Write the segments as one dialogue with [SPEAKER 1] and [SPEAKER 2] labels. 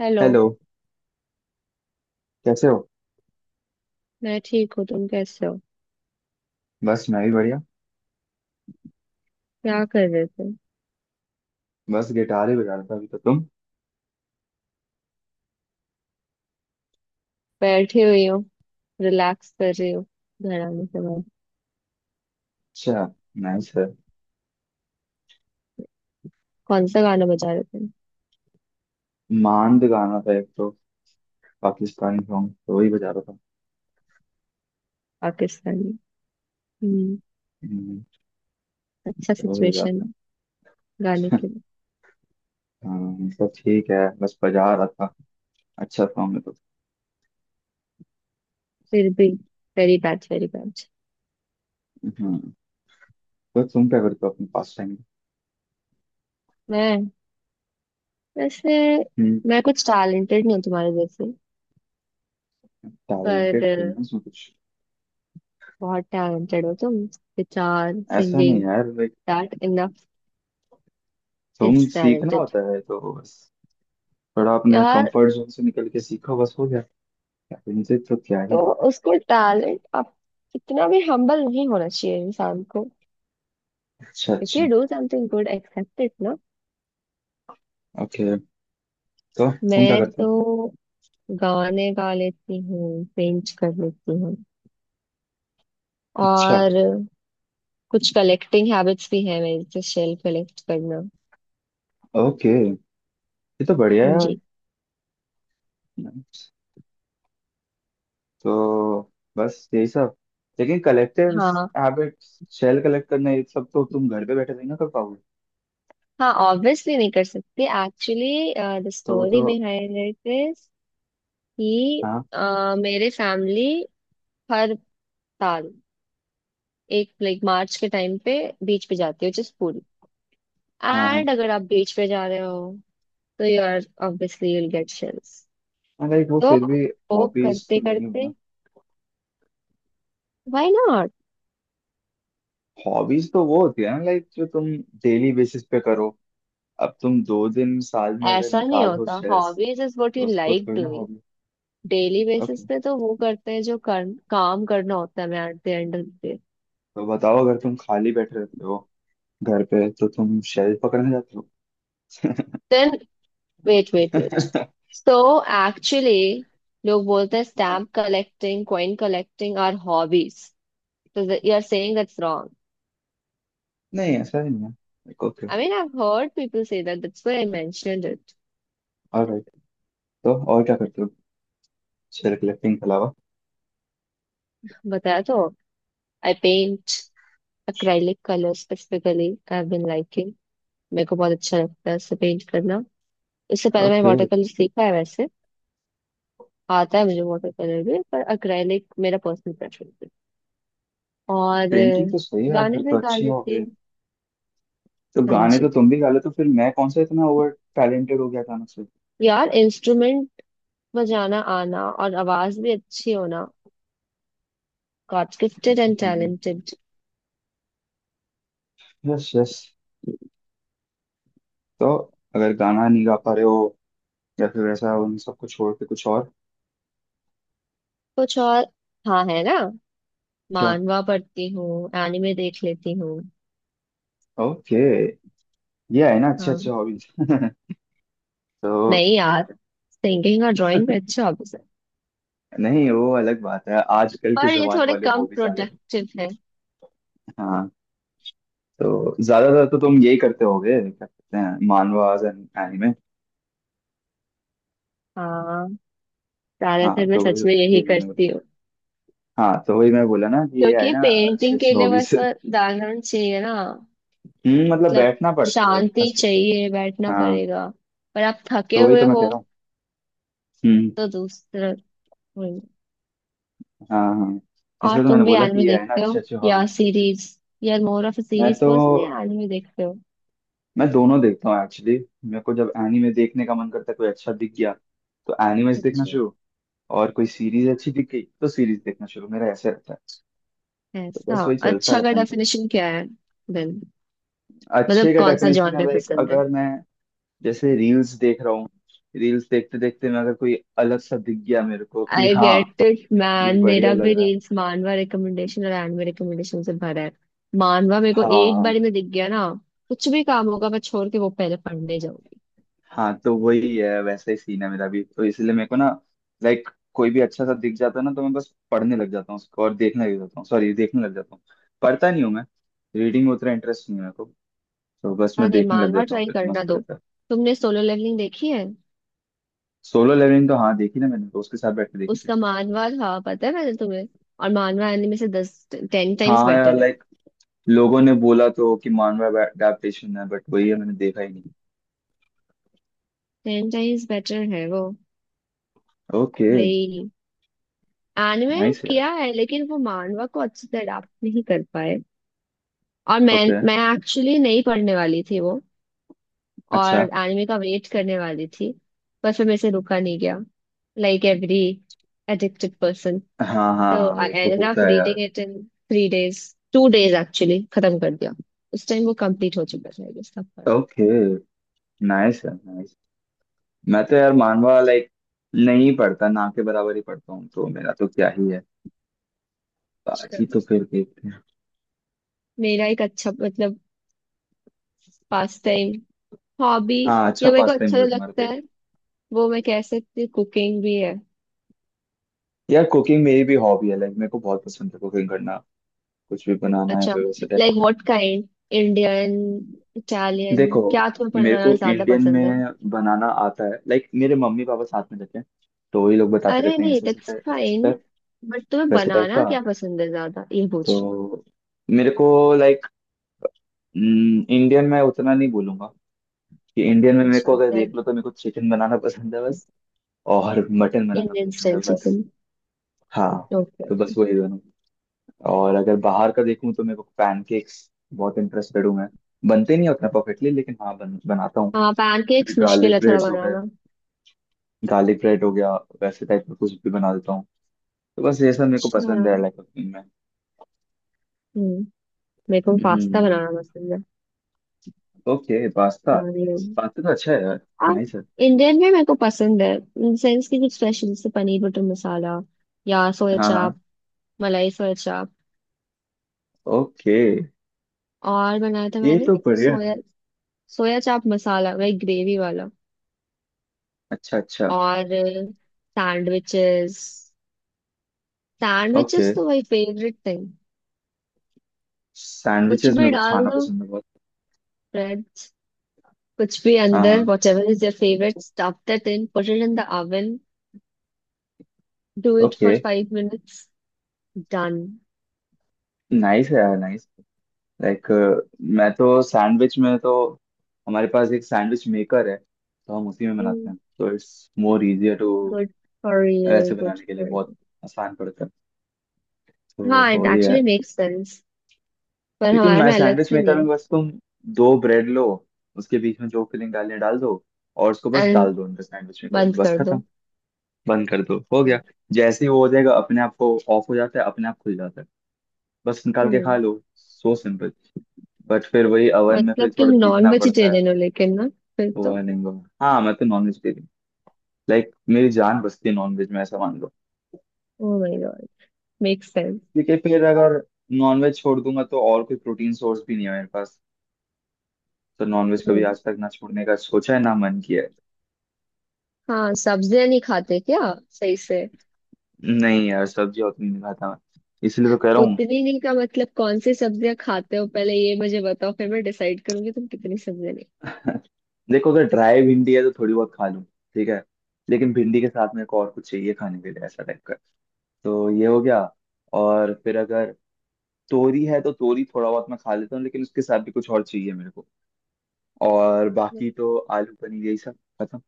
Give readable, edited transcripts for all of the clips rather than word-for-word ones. [SPEAKER 1] Hello.
[SPEAKER 2] Hello. कैसे हो?
[SPEAKER 1] मैं ठीक हूँ, तुम कैसे हो?
[SPEAKER 2] बस मैं भी बढ़िया।
[SPEAKER 1] क्या कर रहे थे?
[SPEAKER 2] बस गिटार ही बजा रहा था अभी, तो तुम?
[SPEAKER 1] बैठी हुई हूँ। रिलैक्स कर रही हूँ घर आने के बाद।
[SPEAKER 2] अच्छा, नाइस है।
[SPEAKER 1] कौन सा गाना बजा रहे थे?
[SPEAKER 2] मांड गाना था एक तो, पाकिस्तानी सॉन्ग, तो वही बजा रहा था।
[SPEAKER 1] पाकिस्तानी? हम्म।
[SPEAKER 2] हम्म,
[SPEAKER 1] अच्छा,
[SPEAKER 2] तो वही बजा
[SPEAKER 1] सिचुएशन
[SPEAKER 2] रहा
[SPEAKER 1] गाने
[SPEAKER 2] था
[SPEAKER 1] के लिए?
[SPEAKER 2] हाँ, सब ठीक है, बस बजा रहा था, अच्छा सॉन्ग है तो।
[SPEAKER 1] फिर भी very bad very bad.
[SPEAKER 2] Hmm तो तुम क्या करते हो अपने पास टाइम में?
[SPEAKER 1] मैं, वैसे,
[SPEAKER 2] हम्म।
[SPEAKER 1] मैं कुछ टैलेंटेड नहीं हूँ तुम्हारे जैसे।
[SPEAKER 2] टैलेंटेड
[SPEAKER 1] पर
[SPEAKER 2] हो
[SPEAKER 1] अ,
[SPEAKER 2] ना इसमें कुछ।
[SPEAKER 1] बहुत टैलेंटेड हो तुम, गिटार
[SPEAKER 2] ऐसा नहीं
[SPEAKER 1] सिंगिंग,
[SPEAKER 2] यार, लाइक,
[SPEAKER 1] दैट इनफ
[SPEAKER 2] तुम
[SPEAKER 1] इज
[SPEAKER 2] सीखना
[SPEAKER 1] टैलेंटेड
[SPEAKER 2] होता है तो बस, थोड़ा अपने
[SPEAKER 1] यार।
[SPEAKER 2] कंफर्ट जोन से निकल के सीखो बस, हो गया। टैलेंटेड तो क्या
[SPEAKER 1] तो
[SPEAKER 2] ही।
[SPEAKER 1] उसको टैलेंट आप, इतना भी हम्बल नहीं होना चाहिए इंसान को।
[SPEAKER 2] अच्छा
[SPEAKER 1] इफ यू
[SPEAKER 2] अच्छा।
[SPEAKER 1] Do something good except it ना।
[SPEAKER 2] ओके, तो तुम क्या
[SPEAKER 1] मैं
[SPEAKER 2] करते हो?
[SPEAKER 1] तो गाने गा लेती हूँ, पेंट कर लेती हूँ।
[SPEAKER 2] अच्छा।
[SPEAKER 1] और कुछ कलेक्टिंग हैबिट्स भी है मेरी, जैसे शेल कलेक्ट करना।
[SPEAKER 2] ओके, ये तो बढ़िया है
[SPEAKER 1] हाँ
[SPEAKER 2] यार।
[SPEAKER 1] जी।
[SPEAKER 2] Nice. तो बस यही सब, लेकिन कलेक्टिव
[SPEAKER 1] हाँ,
[SPEAKER 2] हैबिट, शेल कलेक्ट करना, ये सब तो तुम घर पे बैठे नहीं ना कर पाओगे।
[SPEAKER 1] हाँ ऑब्वियसली नहीं कर सकती, एक्चुअली द
[SPEAKER 2] तो वो तो।
[SPEAKER 1] स्टोरी बिहाइंड इट इज कि
[SPEAKER 2] हाँ
[SPEAKER 1] मेरे फैमिली हर साल एक लाइक मार्च के टाइम पे बीच पे जाती है, विच इज पुरी।
[SPEAKER 2] हाँ। हाँ,
[SPEAKER 1] एंड अगर आप बीच पे जा रहे हो तो you are obviously will get shells.
[SPEAKER 2] Like वो
[SPEAKER 1] तो
[SPEAKER 2] फिर भी
[SPEAKER 1] वो
[SPEAKER 2] हॉबीज
[SPEAKER 1] करते
[SPEAKER 2] तो नहीं हो
[SPEAKER 1] करते,
[SPEAKER 2] ना।
[SPEAKER 1] Why not?
[SPEAKER 2] हॉबीज तो वो होती है ना, लाइक जो तुम डेली बेसिस पे करो। अब तुम दो दिन साल में अगर
[SPEAKER 1] ऐसा नहीं
[SPEAKER 2] निकालो
[SPEAKER 1] होता,
[SPEAKER 2] shells,
[SPEAKER 1] hobbies is what you
[SPEAKER 2] तो उसको
[SPEAKER 1] लाइक
[SPEAKER 2] थोड़ी ना
[SPEAKER 1] doing.
[SPEAKER 2] Hobby.
[SPEAKER 1] Daily basis
[SPEAKER 2] okay,
[SPEAKER 1] पे तो वो करते हैं जो काम करना होता है। मैं at the end of the,
[SPEAKER 2] तो बताओ, अगर तुम खाली बैठे रहते हो घर पे तो तुम शेल पकड़ने जाते
[SPEAKER 1] देन, वेट वेट वेट।
[SPEAKER 2] हो?
[SPEAKER 1] सो एक्चुअली लोग बोलते हैं
[SPEAKER 2] हाँ,
[SPEAKER 1] stamp collecting coin collecting are hobbies, तो you are saying that's wrong?
[SPEAKER 2] नहीं ऐसा ही नहीं है, like okay.
[SPEAKER 1] I mean I have heard people से that, that's why I mentioned it.
[SPEAKER 2] Alright, तो और क्या करते हो सेल्फ कलेक्टिंग के अलावा?
[SPEAKER 1] बताया तो। I paint. Acrylic colour specifically I have been liking. मेरे को बहुत अच्छा लगता है इससे पेंट करना। इससे पहले मैंने
[SPEAKER 2] ओके।
[SPEAKER 1] वाटर कलर सीखा है वैसे। आता है मुझे वाटर कलर भी, पर एक्रेलिक मेरा पर्सनल प्रेफरेंस है। और
[SPEAKER 2] पेंटिंग तो सही है,
[SPEAKER 1] गाने
[SPEAKER 2] फिर
[SPEAKER 1] भी
[SPEAKER 2] तो
[SPEAKER 1] गा
[SPEAKER 2] अच्छी हो
[SPEAKER 1] लेती
[SPEAKER 2] गई।
[SPEAKER 1] हूँ।
[SPEAKER 2] तो
[SPEAKER 1] हाँ
[SPEAKER 2] गाने तो
[SPEAKER 1] जी।
[SPEAKER 2] तुम भी गा लेते हो, फिर मैं कौन सा इतना ओवर टैलेंटेड हो गया गाना से।
[SPEAKER 1] यार इंस्ट्रूमेंट बजाना आना और आवाज भी अच्छी होना गॉड गिफ्टेड
[SPEAKER 2] ऐसा
[SPEAKER 1] एंड
[SPEAKER 2] तो नहीं
[SPEAKER 1] टैलेंटेड।
[SPEAKER 2] है। Yes yes. तो अगर गाना नहीं गा पा रहे हो, या फिर ऐसा उन सबको छोड़ के कुछ और?
[SPEAKER 1] कुछ और? हाँ है ना,
[SPEAKER 2] क्या?
[SPEAKER 1] मानवा पढ़ती हूँ, एनिमे देख लेती हूँ।
[SPEAKER 2] ओके, ये है ना अच्छे
[SPEAKER 1] हाँ।
[SPEAKER 2] अच्छे हॉबीज तो
[SPEAKER 1] नहीं यार, सिंगिंग और ड्राइंग पे अच्छा हॉबी।
[SPEAKER 2] नहीं, वो अलग बात है, आजकल के
[SPEAKER 1] पर ये
[SPEAKER 2] जमाने
[SPEAKER 1] थोड़े
[SPEAKER 2] वाले
[SPEAKER 1] कम
[SPEAKER 2] हॉबीज आ गए।
[SPEAKER 1] प्रोडक्टिव है।
[SPEAKER 2] हाँ, तो ज्यादातर तो तुम यही करते होगे, क्या कहते हैं, मानवास एंड एनिमे।
[SPEAKER 1] हाँ, ज्यादातर
[SPEAKER 2] हाँ,
[SPEAKER 1] मैं
[SPEAKER 2] तो वही,
[SPEAKER 1] सच में यही
[SPEAKER 2] यही मैंने
[SPEAKER 1] करती
[SPEAKER 2] बोला।
[SPEAKER 1] हूँ।
[SPEAKER 2] हाँ, तो वही मैं बोला ना कि ये है
[SPEAKER 1] क्योंकि
[SPEAKER 2] ना अच्छे
[SPEAKER 1] पेंटिंग के
[SPEAKER 2] अच्छे
[SPEAKER 1] लिए
[SPEAKER 2] हॉबीज।
[SPEAKER 1] बस बैकग्राउंड चाहिए ना,
[SPEAKER 2] मतलब
[SPEAKER 1] मतलब
[SPEAKER 2] बैठना पड़ता है,
[SPEAKER 1] शांति
[SPEAKER 2] अच्छा।
[SPEAKER 1] चाहिए, बैठना
[SPEAKER 2] हाँ,
[SPEAKER 1] पड़ेगा। पर आप थके
[SPEAKER 2] तो वही
[SPEAKER 1] हुए
[SPEAKER 2] तो मैं कह
[SPEAKER 1] हो,
[SPEAKER 2] रहा हूँ। हम्म।
[SPEAKER 1] तो दूसरा वही।
[SPEAKER 2] हाँ हाँ।
[SPEAKER 1] और
[SPEAKER 2] इसलिए तो मैंने
[SPEAKER 1] तुम भी
[SPEAKER 2] बोला
[SPEAKER 1] एनिमे
[SPEAKER 2] कि ये है ना
[SPEAKER 1] देखते
[SPEAKER 2] अच्छे
[SPEAKER 1] हो
[SPEAKER 2] अच्छे
[SPEAKER 1] या
[SPEAKER 2] हॉबीज।
[SPEAKER 1] सीरीज, यार मोर ऑफ
[SPEAKER 2] मैं
[SPEAKER 1] सीरीज
[SPEAKER 2] तो,
[SPEAKER 1] पर्सन या एनिमे देखते हो?
[SPEAKER 2] मैं दोनों देखता हूँ एक्चुअली। मेरे को जब एनिमे देखने का मन करता है, कोई अच्छा दिख गया तो एनिमेज देखना
[SPEAKER 1] अच्छा,
[SPEAKER 2] शुरू। और कोई सीरीज अच्छी दिख गई तो सीरीज देखना शुरू, मेरा ऐसे रहता है। तो
[SPEAKER 1] ऐसा
[SPEAKER 2] बस वही चलता
[SPEAKER 1] अच्छा का
[SPEAKER 2] रहता है मेरा।
[SPEAKER 1] डेफिनेशन क्या है? देन,
[SPEAKER 2] अच्छे
[SPEAKER 1] मतलब
[SPEAKER 2] का
[SPEAKER 1] कौन सा
[SPEAKER 2] डेफिनेशन है,
[SPEAKER 1] जॉनर
[SPEAKER 2] लाइक
[SPEAKER 1] पसंद है?
[SPEAKER 2] अगर मैं जैसे रील्स देख रहा हूँ, रील्स देखते देखते मैं अगर कोई अलग सा दिख गया मेरे को कि
[SPEAKER 1] आई
[SPEAKER 2] हाँ,
[SPEAKER 1] गेट इट
[SPEAKER 2] ये
[SPEAKER 1] मैन, मेरा
[SPEAKER 2] बढ़िया
[SPEAKER 1] भी
[SPEAKER 2] लग रहा है।
[SPEAKER 1] रील्स मानवा रिकमेंडेशन और एनिमे रिकमेंडेशन से भरा है। मानवा मेरे को एक
[SPEAKER 2] हाँ
[SPEAKER 1] बार में दिख गया ना, कुछ भी काम होगा मैं छोड़ के वो पहले पढ़ने जाऊंगी।
[SPEAKER 2] हाँ, तो वही है, वैसा ही सीन है मेरा भी, तो इसलिए मेरे को ना, लाइक कोई भी अच्छा सा दिख जाता है ना, तो मैं बस पढ़ने लग जाता हूँ उसको, और देखने लग जाता हूँ, सॉरी, देखने लग जाता हूँ। पढ़ता नहीं हूँ मैं, रीडिंग में उतना इंटरेस्ट नहीं है मेरे को। तो बस मैं
[SPEAKER 1] अरे
[SPEAKER 2] देखने लग
[SPEAKER 1] मानवा
[SPEAKER 2] जाता हूँ,
[SPEAKER 1] ट्राई
[SPEAKER 2] फिर
[SPEAKER 1] करना
[SPEAKER 2] मस्त
[SPEAKER 1] दो।
[SPEAKER 2] रहता है।
[SPEAKER 1] तुमने सोलो लेवलिंग देखी है?
[SPEAKER 2] सोलो लेवलिंग तो हाँ देखी ना मैंने, तो उसके साथ बैठ के देखी थी।
[SPEAKER 1] उसका मानवा था, पता है, मैंने तुम्हें। और मानवा एनिमे से दस 10 टाइम्स
[SPEAKER 2] हाँ यार,
[SPEAKER 1] बेटर है।
[SPEAKER 2] लाइक लोगों ने बोला तो कि मानव अडेप्टेशन है, बट वही है, मैंने देखा ही नहीं।
[SPEAKER 1] 10 टाइम्स बेटर है वो
[SPEAKER 2] ओके।
[SPEAKER 1] भाई। एनिमे
[SPEAKER 2] नाइस यार।
[SPEAKER 1] किया है लेकिन वो मानवा को अच्छे से अडाप्ट नहीं कर पाए। और मैं
[SPEAKER 2] ओके।
[SPEAKER 1] मैं एक्चुअली नहीं पढ़ने वाली थी वो, और
[SPEAKER 2] अच्छा।
[SPEAKER 1] एनिमे का वेट करने वाली थी। पर फिर मेरे से रुका नहीं गया, लाइक एवरी एडिक्टेड पर्सन।
[SPEAKER 2] हाँ हाँ,
[SPEAKER 1] तो आई
[SPEAKER 2] वो तो
[SPEAKER 1] एंडेड अप
[SPEAKER 2] होता है यार।
[SPEAKER 1] Reading it in 3 days, 2 days actually, खत्म कर दिया। उस टाइम वो कंप्लीट हो चुका था आई गेस, तब पढ़ा।
[SPEAKER 2] ओके, नाइस है, नाइस। मैं तो यार मानवा लाइक नहीं पढ़ता, ना के बराबर ही पढ़ता हूँ, तो मेरा तो क्या ही है।
[SPEAKER 1] अच्छा।
[SPEAKER 2] बाकी तो फिर देखते हैं।
[SPEAKER 1] मेरा एक अच्छा, मतलब, पास टाइम हॉबी
[SPEAKER 2] हाँ,
[SPEAKER 1] या
[SPEAKER 2] अच्छा
[SPEAKER 1] मेरे को
[SPEAKER 2] पास टाइम
[SPEAKER 1] अच्छा जो
[SPEAKER 2] होगा तुम्हारे
[SPEAKER 1] लगता
[SPEAKER 2] पे।
[SPEAKER 1] है वो मैं कह सकती हूँ, कुकिंग भी है।
[SPEAKER 2] यार कुकिंग मेरी भी हॉबी है, लाइक मेरे को बहुत पसंद है कुकिंग करना। कुछ भी बनाना है
[SPEAKER 1] अच्छा,
[SPEAKER 2] फिर, वैसे type.
[SPEAKER 1] Like what kind, Indian, Italian,
[SPEAKER 2] देखो,
[SPEAKER 1] क्या तुम्हें
[SPEAKER 2] मेरे को
[SPEAKER 1] बनाना ज्यादा
[SPEAKER 2] इंडियन
[SPEAKER 1] पसंद है?
[SPEAKER 2] में बनाना आता है, लाइक मेरे मम्मी पापा साथ में रहते हैं, तो वही लोग बताते
[SPEAKER 1] अरे
[SPEAKER 2] रहते हैं,
[SPEAKER 1] नहीं
[SPEAKER 2] ऐसे ऐसे
[SPEAKER 1] दैट्स
[SPEAKER 2] टाइप, ऐसे ऐसे
[SPEAKER 1] फाइन,
[SPEAKER 2] टाइप,
[SPEAKER 1] बट तुम्हें
[SPEAKER 2] वैसे टाइप का।
[SPEAKER 1] बनाना क्या पसंद है ज्यादा, ये पूछ रही हूँ।
[SPEAKER 2] तो मेरे को लाइक इंडियन में उतना नहीं बोलूंगा कि इंडियन में, मेरे
[SPEAKER 1] अच्छा
[SPEAKER 2] को अगर देख लो
[SPEAKER 1] देन,
[SPEAKER 2] तो मेरे को चिकन बनाना पसंद है बस, और मटन बनाना
[SPEAKER 1] इंडियन
[SPEAKER 2] पसंद
[SPEAKER 1] स्टाइल
[SPEAKER 2] है बस।
[SPEAKER 1] चिकन?
[SPEAKER 2] हाँ,
[SPEAKER 1] ओके
[SPEAKER 2] तो
[SPEAKER 1] ओके।
[SPEAKER 2] बस वही दोनों। और अगर बाहर का देखूँ तो मेरे को पैनकेक्स, बहुत इंटरेस्टेड हूँ मैं। बनते नहीं हैं उतना परफेक्टली, लेकिन हाँ बनाता हूँ।
[SPEAKER 1] हाँ पैनकेक्स मुश्किल
[SPEAKER 2] गार्लिक
[SPEAKER 1] है थोड़ा
[SPEAKER 2] ब्रेड्स हो गए,
[SPEAKER 1] बनाना।
[SPEAKER 2] गार्लिक ब्रेड हो गया, वैसे टाइप का कुछ भी बना देता हूँ। तो बस ये सब मेरे को पसंद
[SPEAKER 1] अच्छा,
[SPEAKER 2] है, लाइक कुकिंग में।
[SPEAKER 1] हम्म। मेरे को पास्ता
[SPEAKER 2] हम्म,
[SPEAKER 1] बनाना पसंद है,
[SPEAKER 2] ओके, पास्ता।
[SPEAKER 1] चाउमीन।
[SPEAKER 2] पास्ता तो अच्छा है यार,
[SPEAKER 1] हाँ,
[SPEAKER 2] नाइस है।
[SPEAKER 1] इंडियन में मेरे को पसंद है, इन सेंस की कुछ स्पेशल जैसे पनीर बटर मसाला या सोया
[SPEAKER 2] हाँ हाँ।
[SPEAKER 1] चाप, मलाई सोया चाप।
[SPEAKER 2] ओके,
[SPEAKER 1] और बनाया था
[SPEAKER 2] ये
[SPEAKER 1] मैंने
[SPEAKER 2] तो बढ़िया है
[SPEAKER 1] सोया,
[SPEAKER 2] भाई।
[SPEAKER 1] सोया चाप मसाला वही ग्रेवी वाला।
[SPEAKER 2] अच्छा अच्छा।
[SPEAKER 1] और सैंडविचेस,
[SPEAKER 2] ओके,
[SPEAKER 1] सैंडविचेस तो माय फेवरेट थिंग। कुछ
[SPEAKER 2] सैंडविचेस मेरे
[SPEAKER 1] भी
[SPEAKER 2] को
[SPEAKER 1] डाल
[SPEAKER 2] खाना
[SPEAKER 1] दो,
[SPEAKER 2] पसंद है बहुत।
[SPEAKER 1] ब्रेड, कुछ भी
[SPEAKER 2] हाँ
[SPEAKER 1] अंदर,
[SPEAKER 2] हाँ।
[SPEAKER 1] Whatever is your favourite stuff that in put it in the oven, do it
[SPEAKER 2] okay.
[SPEAKER 1] For 5 minutes, done.
[SPEAKER 2] Nice है यार, नाइस। लाइक मैं तो सैंडविच में तो, हमारे पास एक सैंडविच मेकर है, तो हम उसी में बनाते हैं, तो it's more easier to
[SPEAKER 1] good for you,
[SPEAKER 2] ऐसे
[SPEAKER 1] गुड
[SPEAKER 2] बनाने के लिए,
[SPEAKER 1] फॉर
[SPEAKER 2] बहुत
[SPEAKER 1] यू।
[SPEAKER 2] आसान पड़ता है, तो
[SPEAKER 1] हाँ इट
[SPEAKER 2] वही है।
[SPEAKER 1] एक्चुअली मेक्स सेंस, पर
[SPEAKER 2] क्योंकि
[SPEAKER 1] हमारे
[SPEAKER 2] मैं
[SPEAKER 1] में अलग
[SPEAKER 2] सैंडविच
[SPEAKER 1] से
[SPEAKER 2] मेकर
[SPEAKER 1] नहीं है।
[SPEAKER 2] में बस, तुम दो ब्रेड लो, उसके बीच में जो फिलिंग डालनी है डाल दो, और उसको बस
[SPEAKER 1] एंड
[SPEAKER 2] डाल दो अंदर सैंडविच मेकर में,
[SPEAKER 1] बंद
[SPEAKER 2] बस
[SPEAKER 1] कर
[SPEAKER 2] खत्म।
[SPEAKER 1] दो।
[SPEAKER 2] बंद कर दो, हो गया। जैसे ही वो हो जाएगा अपने आप को ऑफ हो जाता है, अपने आप खुल जाता है, बस निकाल के खा
[SPEAKER 1] हम्म।
[SPEAKER 2] लो। So simple. बट फिर वही ओवन में फिर
[SPEAKER 1] मतलब तुम
[SPEAKER 2] थोड़ा
[SPEAKER 1] नॉन
[SPEAKER 2] देखना पड़ता है।
[SPEAKER 1] वेजिटेरियन हो लेकिन ना, फिर तो।
[SPEAKER 2] हुआ नहीं हुआ। हाँ, मैं तो नॉनवेज दे रही, लाइक मेरी जान बसती है नॉनवेज में, ऐसा मान लो।
[SPEAKER 1] Oh my god, make sense.
[SPEAKER 2] क्योंकि फिर अगर नॉनवेज छोड़ दूंगा तो और कोई प्रोटीन सोर्स भी नहीं है मेरे पास, तो नॉनवेज कभी
[SPEAKER 1] हम्म।
[SPEAKER 2] आज तक ना छोड़ने का सोचा है ना मन किया है।
[SPEAKER 1] हाँ सब्जियां नहीं खाते क्या, सही से?
[SPEAKER 2] नहीं यार, सब्जी उतनी नहीं खाता मैं, इसलिए तो कह रहा हूँ।
[SPEAKER 1] उतनी नहीं का मतलब कौन सी सब्जियां खाते हो? पहले ये मुझे बताओ, फिर मैं डिसाइड करूंगी तुम कितनी सब्जियां नहीं
[SPEAKER 2] देखो, अगर ड्राई भिंडी है तो थोड़ी बहुत खा लूँ, ठीक है। लेकिन भिंडी के साथ मेरे को और कुछ चाहिए खाने के लिए, ऐसा टाइप का। तो ये हो गया। और फिर अगर तोरी है तो तोरी थोड़ा बहुत मैं खा लेता हूँ, लेकिन उसके साथ भी कुछ और चाहिए मेरे को। और बाकी
[SPEAKER 1] खाते।
[SPEAKER 2] तो आलू पनीर, यही सब। खत्म।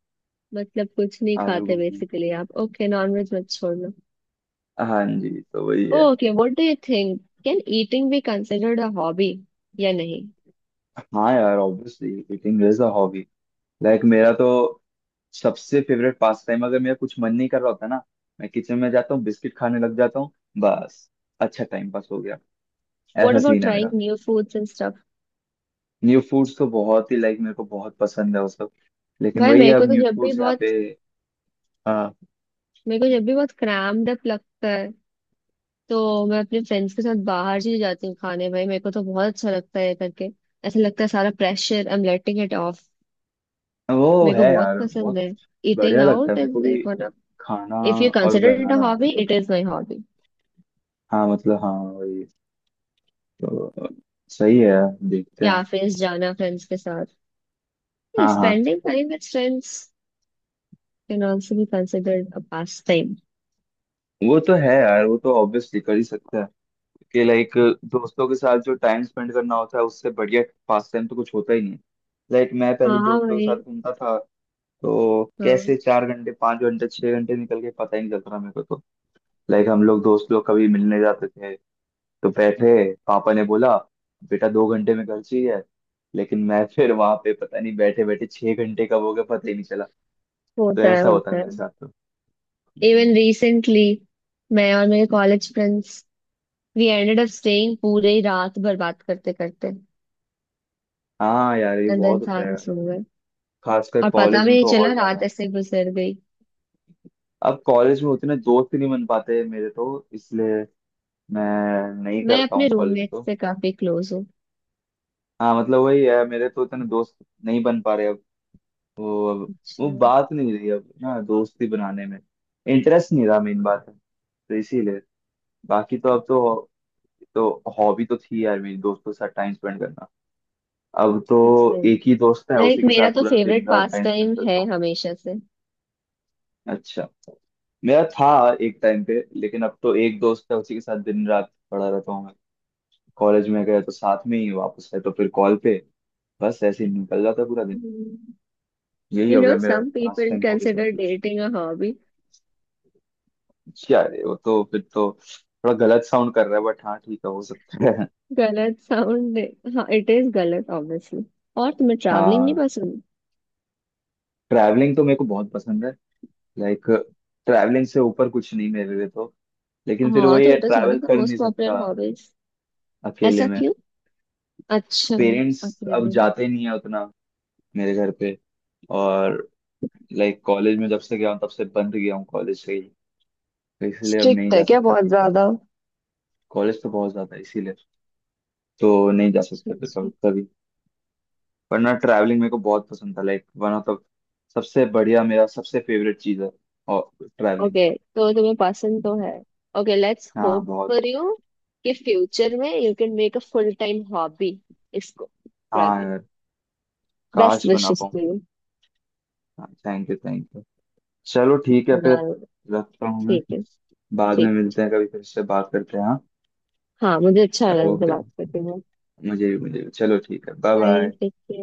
[SPEAKER 1] मतलब कुछ नहीं
[SPEAKER 2] आलू
[SPEAKER 1] खाते
[SPEAKER 2] गोभी,
[SPEAKER 1] बेसिकली आप, ओके, नॉनवेज मत छोड़ लो।
[SPEAKER 2] हाँ जी, तो वही है।
[SPEAKER 1] Okay, what do you think, can eating be considered a hobby या नहीं?
[SPEAKER 2] हाँ यार, obviously eating is a hobby. Like मेरा तो सबसे फेवरेट पास टाइम, अगर मेरा कुछ मन नहीं कर रहा होता ना, मैं किचन में जाता हूँ, बिस्किट खाने लग जाता हूँ, बस, अच्छा टाइम पास हो गया।
[SPEAKER 1] व्हाट
[SPEAKER 2] ऐसा
[SPEAKER 1] अबाउट
[SPEAKER 2] सीन है
[SPEAKER 1] ट्राइंग
[SPEAKER 2] मेरा।
[SPEAKER 1] New foods and stuff?
[SPEAKER 2] New foods तो बहुत ही, लाइक मेरे को बहुत पसंद है वो सब। लेकिन
[SPEAKER 1] भाई
[SPEAKER 2] वही है,
[SPEAKER 1] मेरे को
[SPEAKER 2] अब
[SPEAKER 1] तो
[SPEAKER 2] न्यू
[SPEAKER 1] जब भी
[SPEAKER 2] फूड्स यहाँ पे।
[SPEAKER 1] बहुत,
[SPEAKER 2] हाँ,
[SPEAKER 1] मेरे को जब भी बहुत क्रैम्ड अप लगता है तो मैं अपने फ्रेंड्स के साथ बाहर चली जाती हूँ खाने। भाई मेरे को तो बहुत अच्छा लगता है ये करके, ऐसा लगता है सारा pressure I am letting it off.
[SPEAKER 2] वो
[SPEAKER 1] मेरे को
[SPEAKER 2] है
[SPEAKER 1] बहुत
[SPEAKER 2] यार
[SPEAKER 1] पसंद
[SPEAKER 2] बहुत।
[SPEAKER 1] है। ईटिंग
[SPEAKER 2] बढ़िया लगता है
[SPEAKER 1] आउट
[SPEAKER 2] मेरे
[SPEAKER 1] इज
[SPEAKER 2] को भी,
[SPEAKER 1] लाइक वन ऑफ,
[SPEAKER 2] खाना
[SPEAKER 1] इफ यू
[SPEAKER 2] और
[SPEAKER 1] कंसिडर इट अ
[SPEAKER 2] बनाना,
[SPEAKER 1] हॉबी इट
[SPEAKER 2] दोनों।
[SPEAKER 1] Is my hobby.
[SPEAKER 2] हाँ मतलब, हाँ वही, तो सही है, देखते हैं।
[SPEAKER 1] कैफेज जाना फ्रेंड्स के साथ,
[SPEAKER 2] हाँ हाँ,
[SPEAKER 1] spending time with friends, can also be considered a pastime.
[SPEAKER 2] वो तो है यार, वो तो ऑब्वियसली कर ही सकते हैं। कि लाइक दोस्तों के साथ जो टाइम स्पेंड करना होता है, उससे बढ़िया पास टाइम तो कुछ होता ही नहीं। लाइक मैं पहले
[SPEAKER 1] हाँ
[SPEAKER 2] दोस्तों के
[SPEAKER 1] भाई।
[SPEAKER 2] साथ घूमता था, तो
[SPEAKER 1] हाँ,
[SPEAKER 2] कैसे चार घंटे, पाँच घंटे, छह घंटे निकल गए, पता ही नहीं चलता था मेरे को तो। लाइक हम लोग दोस्त लोग कभी मिलने जाते थे, तो बैठे, पापा ने बोला बेटा दो घंटे में घर चाहिए, लेकिन मैं फिर वहां पे पता नहीं बैठे बैठे छह घंटे कब हो गया पता ही नहीं चला। तो
[SPEAKER 1] होता है,
[SPEAKER 2] ऐसा होता है
[SPEAKER 1] होता है।
[SPEAKER 2] मेरे साथ तो। हम्म।
[SPEAKER 1] इवन रिसेंटली मैं और मेरे college friends, we ended up staying पूरे ही रात भर बात करते करते,
[SPEAKER 2] हाँ यार, ये
[SPEAKER 1] एंड
[SPEAKER 2] बहुत
[SPEAKER 1] देन
[SPEAKER 2] होता
[SPEAKER 1] सारे
[SPEAKER 2] है,
[SPEAKER 1] सो गए,
[SPEAKER 2] खासकर
[SPEAKER 1] और पता
[SPEAKER 2] कॉलेज
[SPEAKER 1] भी
[SPEAKER 2] में
[SPEAKER 1] नहीं
[SPEAKER 2] तो
[SPEAKER 1] चला
[SPEAKER 2] और
[SPEAKER 1] रात
[SPEAKER 2] ज्यादा।
[SPEAKER 1] ऐसे गुजर गई।
[SPEAKER 2] अब कॉलेज में उतने दोस्त ही नहीं बन पाते मेरे तो, इसलिए मैं नहीं
[SPEAKER 1] मैं
[SPEAKER 2] करता
[SPEAKER 1] अपने
[SPEAKER 2] हूँ कॉलेज में
[SPEAKER 1] रूममेट
[SPEAKER 2] तो।
[SPEAKER 1] से काफी क्लोज हूँ।
[SPEAKER 2] हाँ मतलब वही है, मेरे तो उतने दोस्त नहीं बन पा रहे अब। वो अब, वो बात नहीं रही अब ना, दोस्ती बनाने में इंटरेस्ट नहीं रहा, मेन बात है। तो इसीलिए बाकी तो अब तो हॉबी तो थी यार मेरी दोस्तों के साथ टाइम स्पेंड करना, अब तो
[SPEAKER 1] अच्छा,
[SPEAKER 2] एक ही दोस्त है
[SPEAKER 1] लाइक
[SPEAKER 2] उसी के साथ
[SPEAKER 1] मेरा तो
[SPEAKER 2] पूरा दिन
[SPEAKER 1] फेवरेट
[SPEAKER 2] रात
[SPEAKER 1] पास
[SPEAKER 2] टाइम स्पेंड
[SPEAKER 1] टाइम
[SPEAKER 2] करता
[SPEAKER 1] है
[SPEAKER 2] हूँ।
[SPEAKER 1] हमेशा से।
[SPEAKER 2] अच्छा, मेरा था एक टाइम पे, लेकिन अब तो एक दोस्त है, उसी के साथ दिन रात पड़ा रहता हूँ मैं। कॉलेज में गए तो साथ में ही, वापस आए तो फिर कॉल पे, बस ऐसे ही निकल जाता पूरा दिन, यही
[SPEAKER 1] यू
[SPEAKER 2] हो
[SPEAKER 1] नो
[SPEAKER 2] गया मेरा।
[SPEAKER 1] Some
[SPEAKER 2] pass
[SPEAKER 1] people
[SPEAKER 2] time, hobby, सब
[SPEAKER 1] कंसिडर
[SPEAKER 2] कुछ।
[SPEAKER 1] Dating a hobby.
[SPEAKER 2] अच्छा, अरे वो तो फिर तो थोड़ा गलत साउंड कर रहा है, बट हाँ, ठीक है, हो सकता है।
[SPEAKER 1] गलत साउंड? हाँ इट इज गलत ऑब्वियसली। और तुम्हें ट्रैवलिंग नहीं
[SPEAKER 2] हाँ,
[SPEAKER 1] पसंद?
[SPEAKER 2] ट्रैवलिंग तो मेरे को बहुत पसंद है, लाइक ट्रैवलिंग से ऊपर कुछ नहीं मेरे लिए तो। लेकिन फिर
[SPEAKER 1] हाँ
[SPEAKER 2] वही
[SPEAKER 1] तो
[SPEAKER 2] है,
[SPEAKER 1] it is one
[SPEAKER 2] travel
[SPEAKER 1] of the
[SPEAKER 2] कर
[SPEAKER 1] मोस्ट
[SPEAKER 2] नहीं
[SPEAKER 1] पॉपुलर
[SPEAKER 2] सकता
[SPEAKER 1] हॉबीज।
[SPEAKER 2] अकेले
[SPEAKER 1] ऐसा
[SPEAKER 2] में।
[SPEAKER 1] क्यों? अच्छा।
[SPEAKER 2] पेरेंट्स अब
[SPEAKER 1] अकेले?
[SPEAKER 2] जाते नहीं है उतना मेरे घर पे, और लाइक कॉलेज में जब से गया हूँ तब से बंद गया हूँ कॉलेज से ही, तो इसलिए अब नहीं
[SPEAKER 1] स्ट्रिक्ट है
[SPEAKER 2] जा
[SPEAKER 1] क्या
[SPEAKER 2] सकता
[SPEAKER 1] बहुत
[SPEAKER 2] कहीं।
[SPEAKER 1] ज्यादा?
[SPEAKER 2] कॉलेज तो बहुत ज्यादा है, इसीलिए तो नहीं जा सकते, फिर कभी
[SPEAKER 1] अच्छा,
[SPEAKER 2] कभी। पर ना ट्रैवलिंग मेरे को बहुत पसंद था, लाइक वन ऑफ द सबसे बढ़िया, मेरा सबसे फेवरेट चीज है, और, ट्रैवलिंग।
[SPEAKER 1] ओके तो तुम्हें पसंद तो है, ओके लेट्स
[SPEAKER 2] हाँ
[SPEAKER 1] होप
[SPEAKER 2] बहुत।
[SPEAKER 1] फॉर यू कि फ्यूचर में you can make a full time hobby इसको,
[SPEAKER 2] हाँ
[SPEAKER 1] ट्रैवलिंग।
[SPEAKER 2] यार,
[SPEAKER 1] बेस्ट
[SPEAKER 2] काश बना
[SPEAKER 1] विशेस
[SPEAKER 2] पाऊँ।
[SPEAKER 1] To you.
[SPEAKER 2] हाँ, थैंक यू थैंक यू। चलो ठीक है फिर,
[SPEAKER 1] राइट।
[SPEAKER 2] रखता हूँ मैं,
[SPEAKER 1] ठीक है।
[SPEAKER 2] बाद में
[SPEAKER 1] ठीक है।
[SPEAKER 2] मिलते हैं, कभी फिर से बात करते हैं, हाँ।
[SPEAKER 1] हाँ मुझे अच्छा लगा इनसे
[SPEAKER 2] ओके,
[SPEAKER 1] बात करके।
[SPEAKER 2] मुझे भी मुझे भी, चलो ठीक है, bye
[SPEAKER 1] bye,
[SPEAKER 2] bye.
[SPEAKER 1] Take care.